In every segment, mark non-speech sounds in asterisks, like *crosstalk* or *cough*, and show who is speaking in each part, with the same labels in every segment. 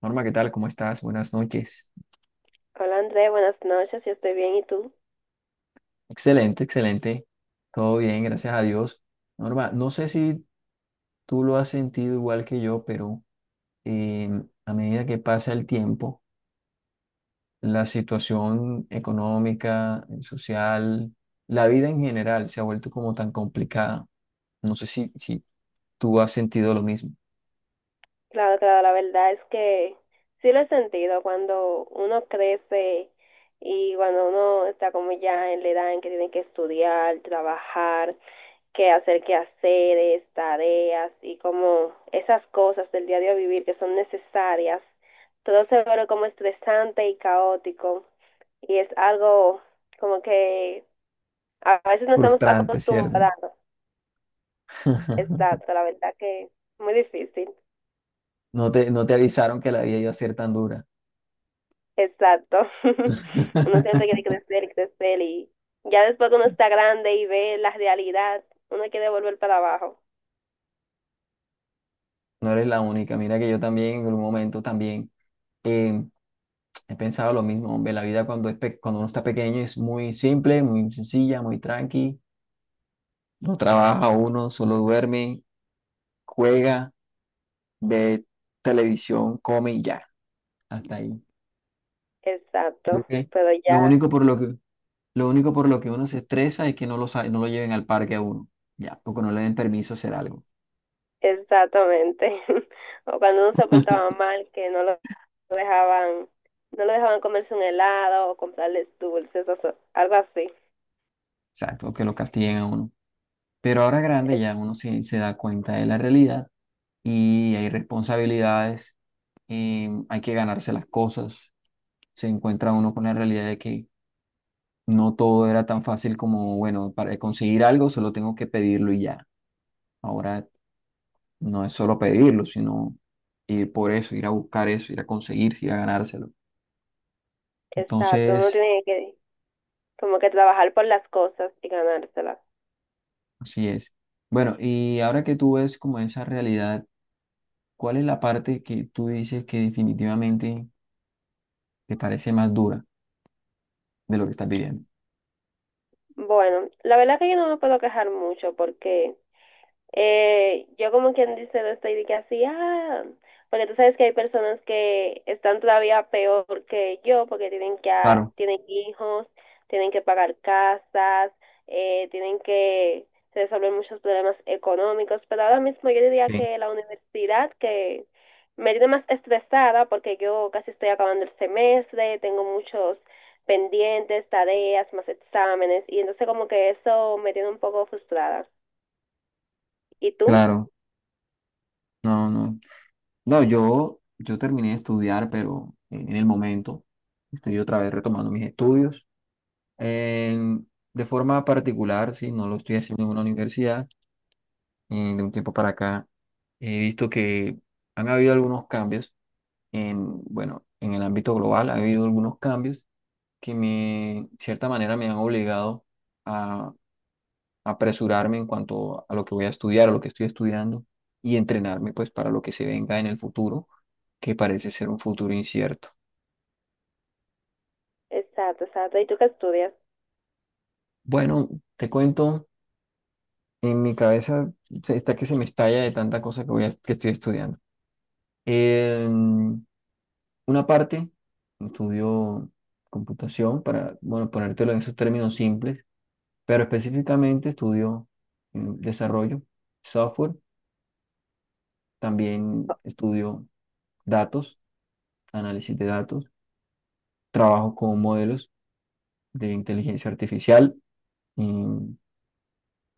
Speaker 1: Norma, ¿qué tal? ¿Cómo estás? Buenas noches.
Speaker 2: Hola André, buenas noches, yo estoy bien, ¿y tú?
Speaker 1: Excelente, excelente. Todo bien, gracias a Dios. Norma, no sé si tú lo has sentido igual que yo, pero eh, a medida que pasa el tiempo, la situación económica, social, la vida en general se ha vuelto como tan complicada. No sé si tú has sentido lo mismo.
Speaker 2: Claro, claro, la verdad es que sí lo he sentido cuando uno crece y cuando uno está como ya en la edad en que tiene que estudiar, trabajar, que hacer quehaceres, tareas y como esas cosas del diario vivir que son necesarias, todo se vuelve como estresante y caótico y es algo como que a veces no estamos
Speaker 1: Frustrante, ¿cierto?
Speaker 2: acostumbrados,
Speaker 1: *laughs*
Speaker 2: exacto, la verdad que muy difícil.
Speaker 1: No te avisaron que la vida iba a ser tan dura.
Speaker 2: Exacto. *laughs* Uno siempre quiere
Speaker 1: *laughs*
Speaker 2: crecer y crecer y ya después que uno está grande y ve la realidad, uno quiere volver para abajo.
Speaker 1: No eres la única. Mira que yo también en un momento también eh, he pensado lo mismo. Hombre, la vida cuando uno está pequeño es muy simple, muy sencilla, muy tranqui. No trabaja uno, solo duerme, juega, ve televisión, come y ya. Hasta ahí. Creo
Speaker 2: Exacto.
Speaker 1: que
Speaker 2: Pero
Speaker 1: lo
Speaker 2: ya,
Speaker 1: único por lo que, lo único por lo que uno se estresa es que no lo lleven al parque a uno. Ya, o que no le den permiso a hacer algo.
Speaker 2: exactamente. *laughs* O cuando uno se portaba
Speaker 1: *laughs*
Speaker 2: mal, que dejaban, no lo dejaban comerse un helado o comprarles dulces o algo así.
Speaker 1: Exacto, o que lo castiguen a uno. Pero ahora grande
Speaker 2: E-
Speaker 1: ya se da cuenta de la realidad y hay responsabilidades, hay que ganarse las cosas. Se encuentra uno con la realidad de que no todo era tan fácil como, bueno, para conseguir algo solo tengo que pedirlo y ya. Ahora no es solo pedirlo, sino ir por eso, ir a buscar eso, ir a conseguir, ir a ganárselo.
Speaker 2: Exacto. Uno
Speaker 1: Entonces,
Speaker 2: tiene que como que trabajar por las cosas y ganárselas.
Speaker 1: así es. Bueno, y ahora que tú ves como esa realidad, ¿cuál es la parte que tú dices que definitivamente te parece más dura de lo que estás viviendo?
Speaker 2: Bueno, la verdad que yo no me puedo quejar mucho porque yo como quien dice, no estoy de que así, porque tú sabes que hay personas que están todavía peor que yo porque
Speaker 1: Claro,
Speaker 2: tienen hijos, tienen que pagar casas, tienen que resolver muchos problemas económicos, pero ahora mismo yo diría
Speaker 1: sí,
Speaker 2: que la universidad que me tiene más estresada porque yo casi estoy acabando el semestre, tengo muchos pendientes, tareas, más exámenes, y entonces como que eso me tiene un poco frustrada. ¿Y tú?
Speaker 1: claro, no, no. No, yo terminé de estudiar, pero en el momento estoy otra vez retomando mis estudios. En de forma particular, sí, no lo estoy haciendo en una universidad. De un tiempo para acá he visto que han habido algunos cambios en, bueno, en el ámbito global, ha habido algunos cambios que me, de cierta manera me han obligado apresurarme en cuanto a lo que voy a estudiar, a lo que estoy estudiando y entrenarme pues para lo que se venga en el futuro, que parece ser un futuro incierto.
Speaker 2: Exacto, exacto. ¿Y tú qué estudias?
Speaker 1: Bueno, te cuento, en mi cabeza está que se me estalla de tanta cosa que que estoy estudiando. En una parte estudio computación para, bueno, ponértelo en esos términos simples, pero específicamente estudio desarrollo, software, también estudio datos, análisis de datos, trabajo con modelos de inteligencia artificial, y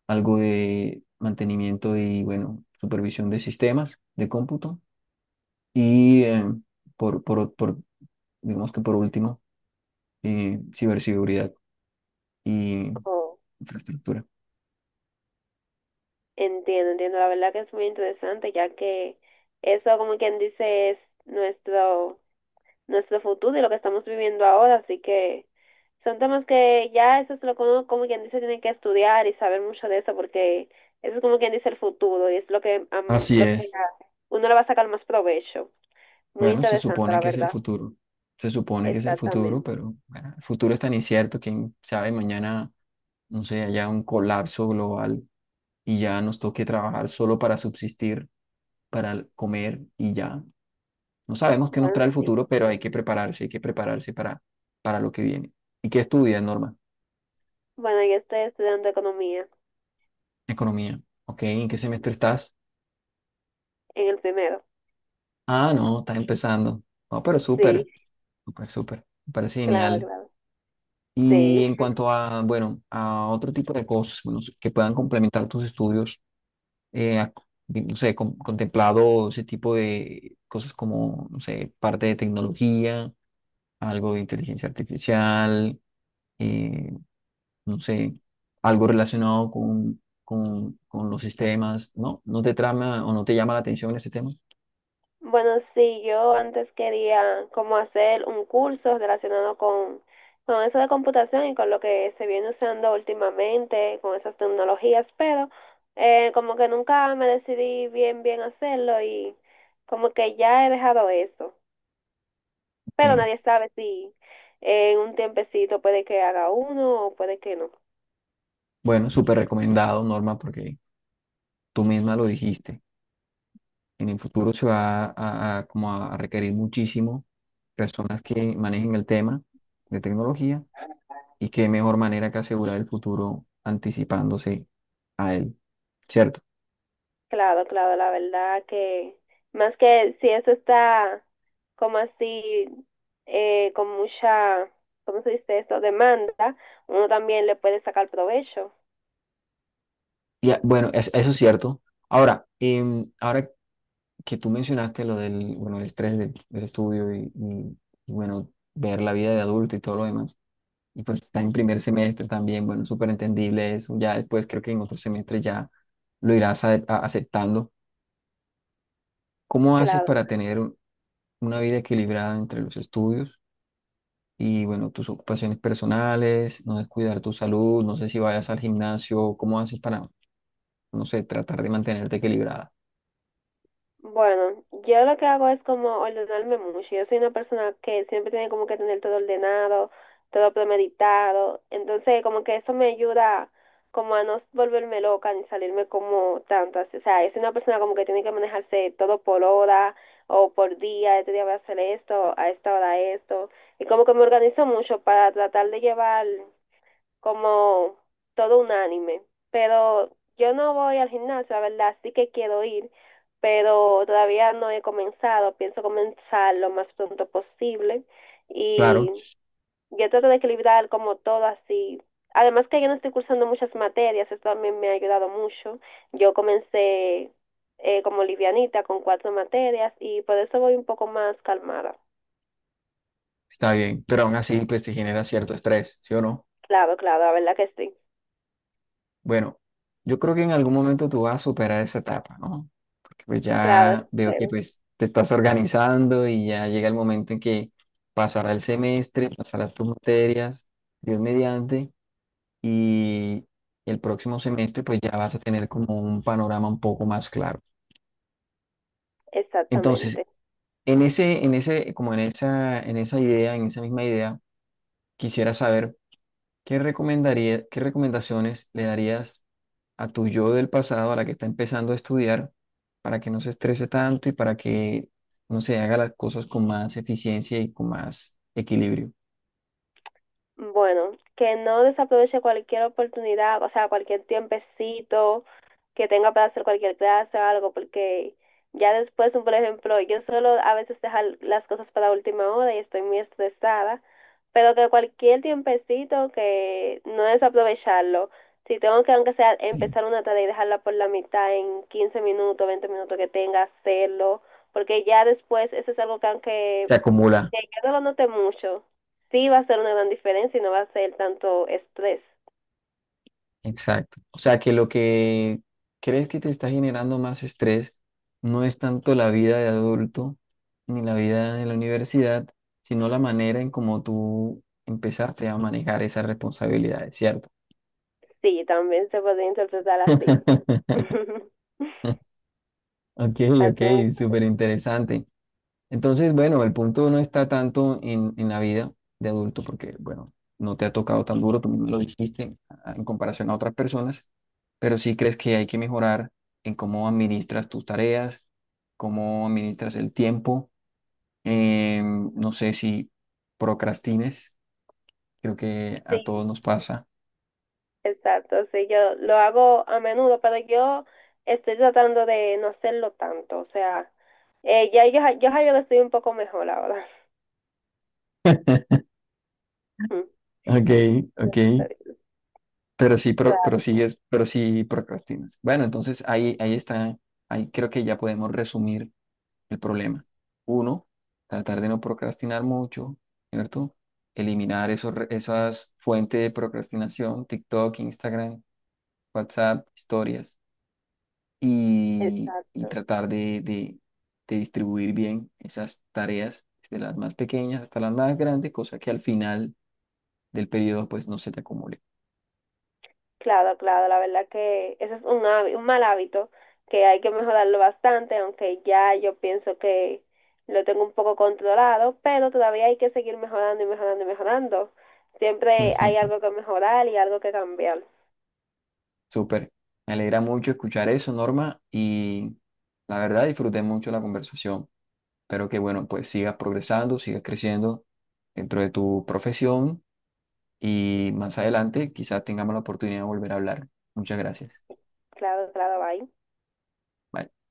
Speaker 1: algo de mantenimiento y, bueno, supervisión de sistemas de cómputo. Y por, por, por, digamos que por último, ciberseguridad y
Speaker 2: Oh,
Speaker 1: infraestructura.
Speaker 2: entiendo, entiendo. La verdad que es muy interesante, ya que eso, como quien dice, es nuestro, nuestro futuro y lo que estamos viviendo ahora. Así que son temas que ya eso es lo que uno, como quien dice, tiene que estudiar y saber mucho de eso, porque eso es como quien dice el futuro y es lo que, am,
Speaker 1: Así
Speaker 2: lo que
Speaker 1: es.
Speaker 2: a uno le va a sacar más provecho. Muy
Speaker 1: Bueno, se
Speaker 2: interesante,
Speaker 1: supone
Speaker 2: la
Speaker 1: que es el
Speaker 2: verdad.
Speaker 1: futuro. Se supone que es el futuro,
Speaker 2: Exactamente.
Speaker 1: pero bueno, el futuro es tan incierto, quién sabe, mañana, no sé, haya un colapso global y ya nos toque trabajar solo para subsistir, para comer y ya. No sabemos qué nos
Speaker 2: Bueno,
Speaker 1: trae el
Speaker 2: sí.
Speaker 1: futuro, pero hay que prepararse para lo que viene. ¿Y qué estudias, Norma?
Speaker 2: Bueno, yo estoy estudiando economía
Speaker 1: Economía. ¿Ok? ¿En qué semestre estás?
Speaker 2: en el primero.
Speaker 1: Ah, no, estás empezando. No, pero
Speaker 2: Sí,
Speaker 1: súper, súper, súper. Me parece
Speaker 2: claro,
Speaker 1: genial.
Speaker 2: claro.
Speaker 1: Y
Speaker 2: Sí,
Speaker 1: en cuanto a, bueno, a otro tipo de cosas, bueno, que puedan complementar tus estudios, eh, a- no sé, contemplado ese tipo de cosas como, no sé, parte de tecnología, algo de inteligencia artificial, eh, no sé, algo relacionado con, con los sistemas, ¿no? ¿No te trama o no te llama la atención ese tema?
Speaker 2: *laughs* bueno, sí, yo antes quería como hacer un curso relacionado con eso de computación y con lo que se viene usando últimamente, con esas tecnologías, pero como que nunca me decidí bien, bien hacerlo y como que ya he dejado eso, pero
Speaker 1: Que,
Speaker 2: nadie sabe si en un tiempecito puede que haga uno o puede que no.
Speaker 1: bueno, súper recomendado, Norma, porque tú misma lo dijiste. En el futuro se va como a requerir muchísimo personas que manejen el tema de tecnología y qué mejor manera que asegurar el futuro anticipándose a él, ¿cierto?
Speaker 2: Claro, claro, la verdad que más que si eso está como así, con mucha, ¿cómo se dice eso? Demanda, uno también le puede sacar provecho.
Speaker 1: Y bueno, eso es cierto. Ahora, ahora que tú mencionaste lo del, bueno, el estrés del, del estudio bueno, ver la vida de adulto y todo lo demás. Y pues está en primer semestre también, bueno, súper entendible eso. Ya después creo que en otro semestre ya lo irás aceptando. ¿Cómo haces
Speaker 2: Claro.
Speaker 1: para tener una vida equilibrada entre los estudios y, bueno, tus ocupaciones personales, no descuidar tu salud, no sé si vayas al gimnasio, cómo haces para, no sé, tratar de mantenerte equilibrada?
Speaker 2: Bueno, yo lo que hago es como ordenarme mucho. Yo soy una persona que siempre tiene como que tener todo ordenado, todo premeditado. Entonces, como que eso me ayuda como a no volverme loca ni salirme como tanto. O sea, es una persona como que tiene que manejarse todo por hora o por día. Este día voy a hacer esto, a esta hora esto. Y como que me organizo mucho para tratar de llevar como todo un anime. Pero yo no voy al gimnasio, la verdad, sí que quiero ir, pero todavía no he comenzado. Pienso comenzar lo más pronto posible
Speaker 1: Claro,
Speaker 2: y yo trato de equilibrar como todo así. Además que yo no estoy cursando muchas materias, eso también me ha ayudado mucho. Yo comencé como livianita con cuatro materias y por eso voy un poco más calmada.
Speaker 1: está bien, pero aún así, pues te genera cierto estrés, ¿sí o no?
Speaker 2: Claro, claro, la verdad que sí.
Speaker 1: Bueno, yo creo que en algún momento tú vas a superar esa etapa, ¿no? Porque pues
Speaker 2: Claro,
Speaker 1: ya veo que
Speaker 2: pero
Speaker 1: pues te estás organizando y ya llega el momento en que pasará el semestre, pasarás tus materias, Dios mediante, y el próximo semestre pues ya vas a tener como un panorama un poco más claro. Entonces,
Speaker 2: exactamente.
Speaker 1: en esa idea, en esa misma idea, quisiera saber qué recomendaría, qué recomendaciones le darías a tu yo del pasado, a la que está empezando a estudiar, para que no se estrese tanto y para que no se haga las cosas con más eficiencia y con más equilibrio.
Speaker 2: Bueno, que no desaproveche cualquier oportunidad, o sea, cualquier tiempecito que tenga para hacer cualquier clase o algo, porque ya después, por ejemplo, yo suelo a veces dejar las cosas para última hora y estoy muy estresada, pero que cualquier tiempecito que no desaprovecharlo. Si tengo que, aunque sea,
Speaker 1: Mm.
Speaker 2: empezar una tarea y dejarla por la mitad en 15 minutos, 20 minutos que tenga, hacerlo, porque ya después eso es algo que aunque
Speaker 1: Se acumula.
Speaker 2: que yo no lo note mucho, sí va a ser una gran diferencia y no va a ser tanto estrés.
Speaker 1: Exacto. O sea, que lo que crees que te está generando más estrés no es tanto la vida de adulto ni la vida en la universidad, sino la manera en cómo tú empezaste a manejar esas responsabilidades, ¿cierto?
Speaker 2: Sí, también se puede interpretar así.
Speaker 1: *laughs*
Speaker 2: *laughs*
Speaker 1: Ok,
Speaker 2: Así
Speaker 1: ok,
Speaker 2: mismo.
Speaker 1: súper interesante. Entonces, bueno, el punto no está tanto en la vida de adulto, porque, bueno, no te ha tocado tan duro, tú me lo dijiste, en comparación a otras personas, pero sí crees que hay que mejorar en cómo administras tus tareas, cómo administras el tiempo. No sé si procrastines, creo que a todos
Speaker 2: Sí,
Speaker 1: nos pasa.
Speaker 2: exacto. Sí, yo lo hago a menudo, pero yo estoy tratando de no hacerlo tanto. O sea, ya yo lo estoy un poco mejor ahora. *laughs*
Speaker 1: Ok, ok. Pero sí, pro-
Speaker 2: Claro,
Speaker 1: pero, sigues, pero sí procrastinas. Bueno, entonces ahí creo que ya podemos resumir el problema. Uno, tratar de no procrastinar mucho, ¿cierto? Eliminar esas fuentes de procrastinación, TikTok, Instagram, WhatsApp, historias, y
Speaker 2: exacto.
Speaker 1: tratar de distribuir bien esas tareas, desde las más pequeñas hasta las más grandes, cosa que al final del periodo pues no se te acumule.
Speaker 2: Claro, claro, la verdad que ese es un mal hábito que hay que mejorarlo bastante, aunque ya yo pienso que lo tengo un poco controlado, pero todavía hay que seguir mejorando y mejorando y mejorando. Siempre hay
Speaker 1: *laughs*
Speaker 2: algo que mejorar y algo que cambiar.
Speaker 1: Súper. Me alegra mucho escuchar eso, Norma, y la verdad disfruté mucho la conversación. Espero que, bueno, pues sigas progresando, sigas creciendo dentro de tu profesión y más adelante quizás tengamos la oportunidad de volver a hablar. Muchas gracias.
Speaker 2: Claro, claro, bye.
Speaker 1: Bye.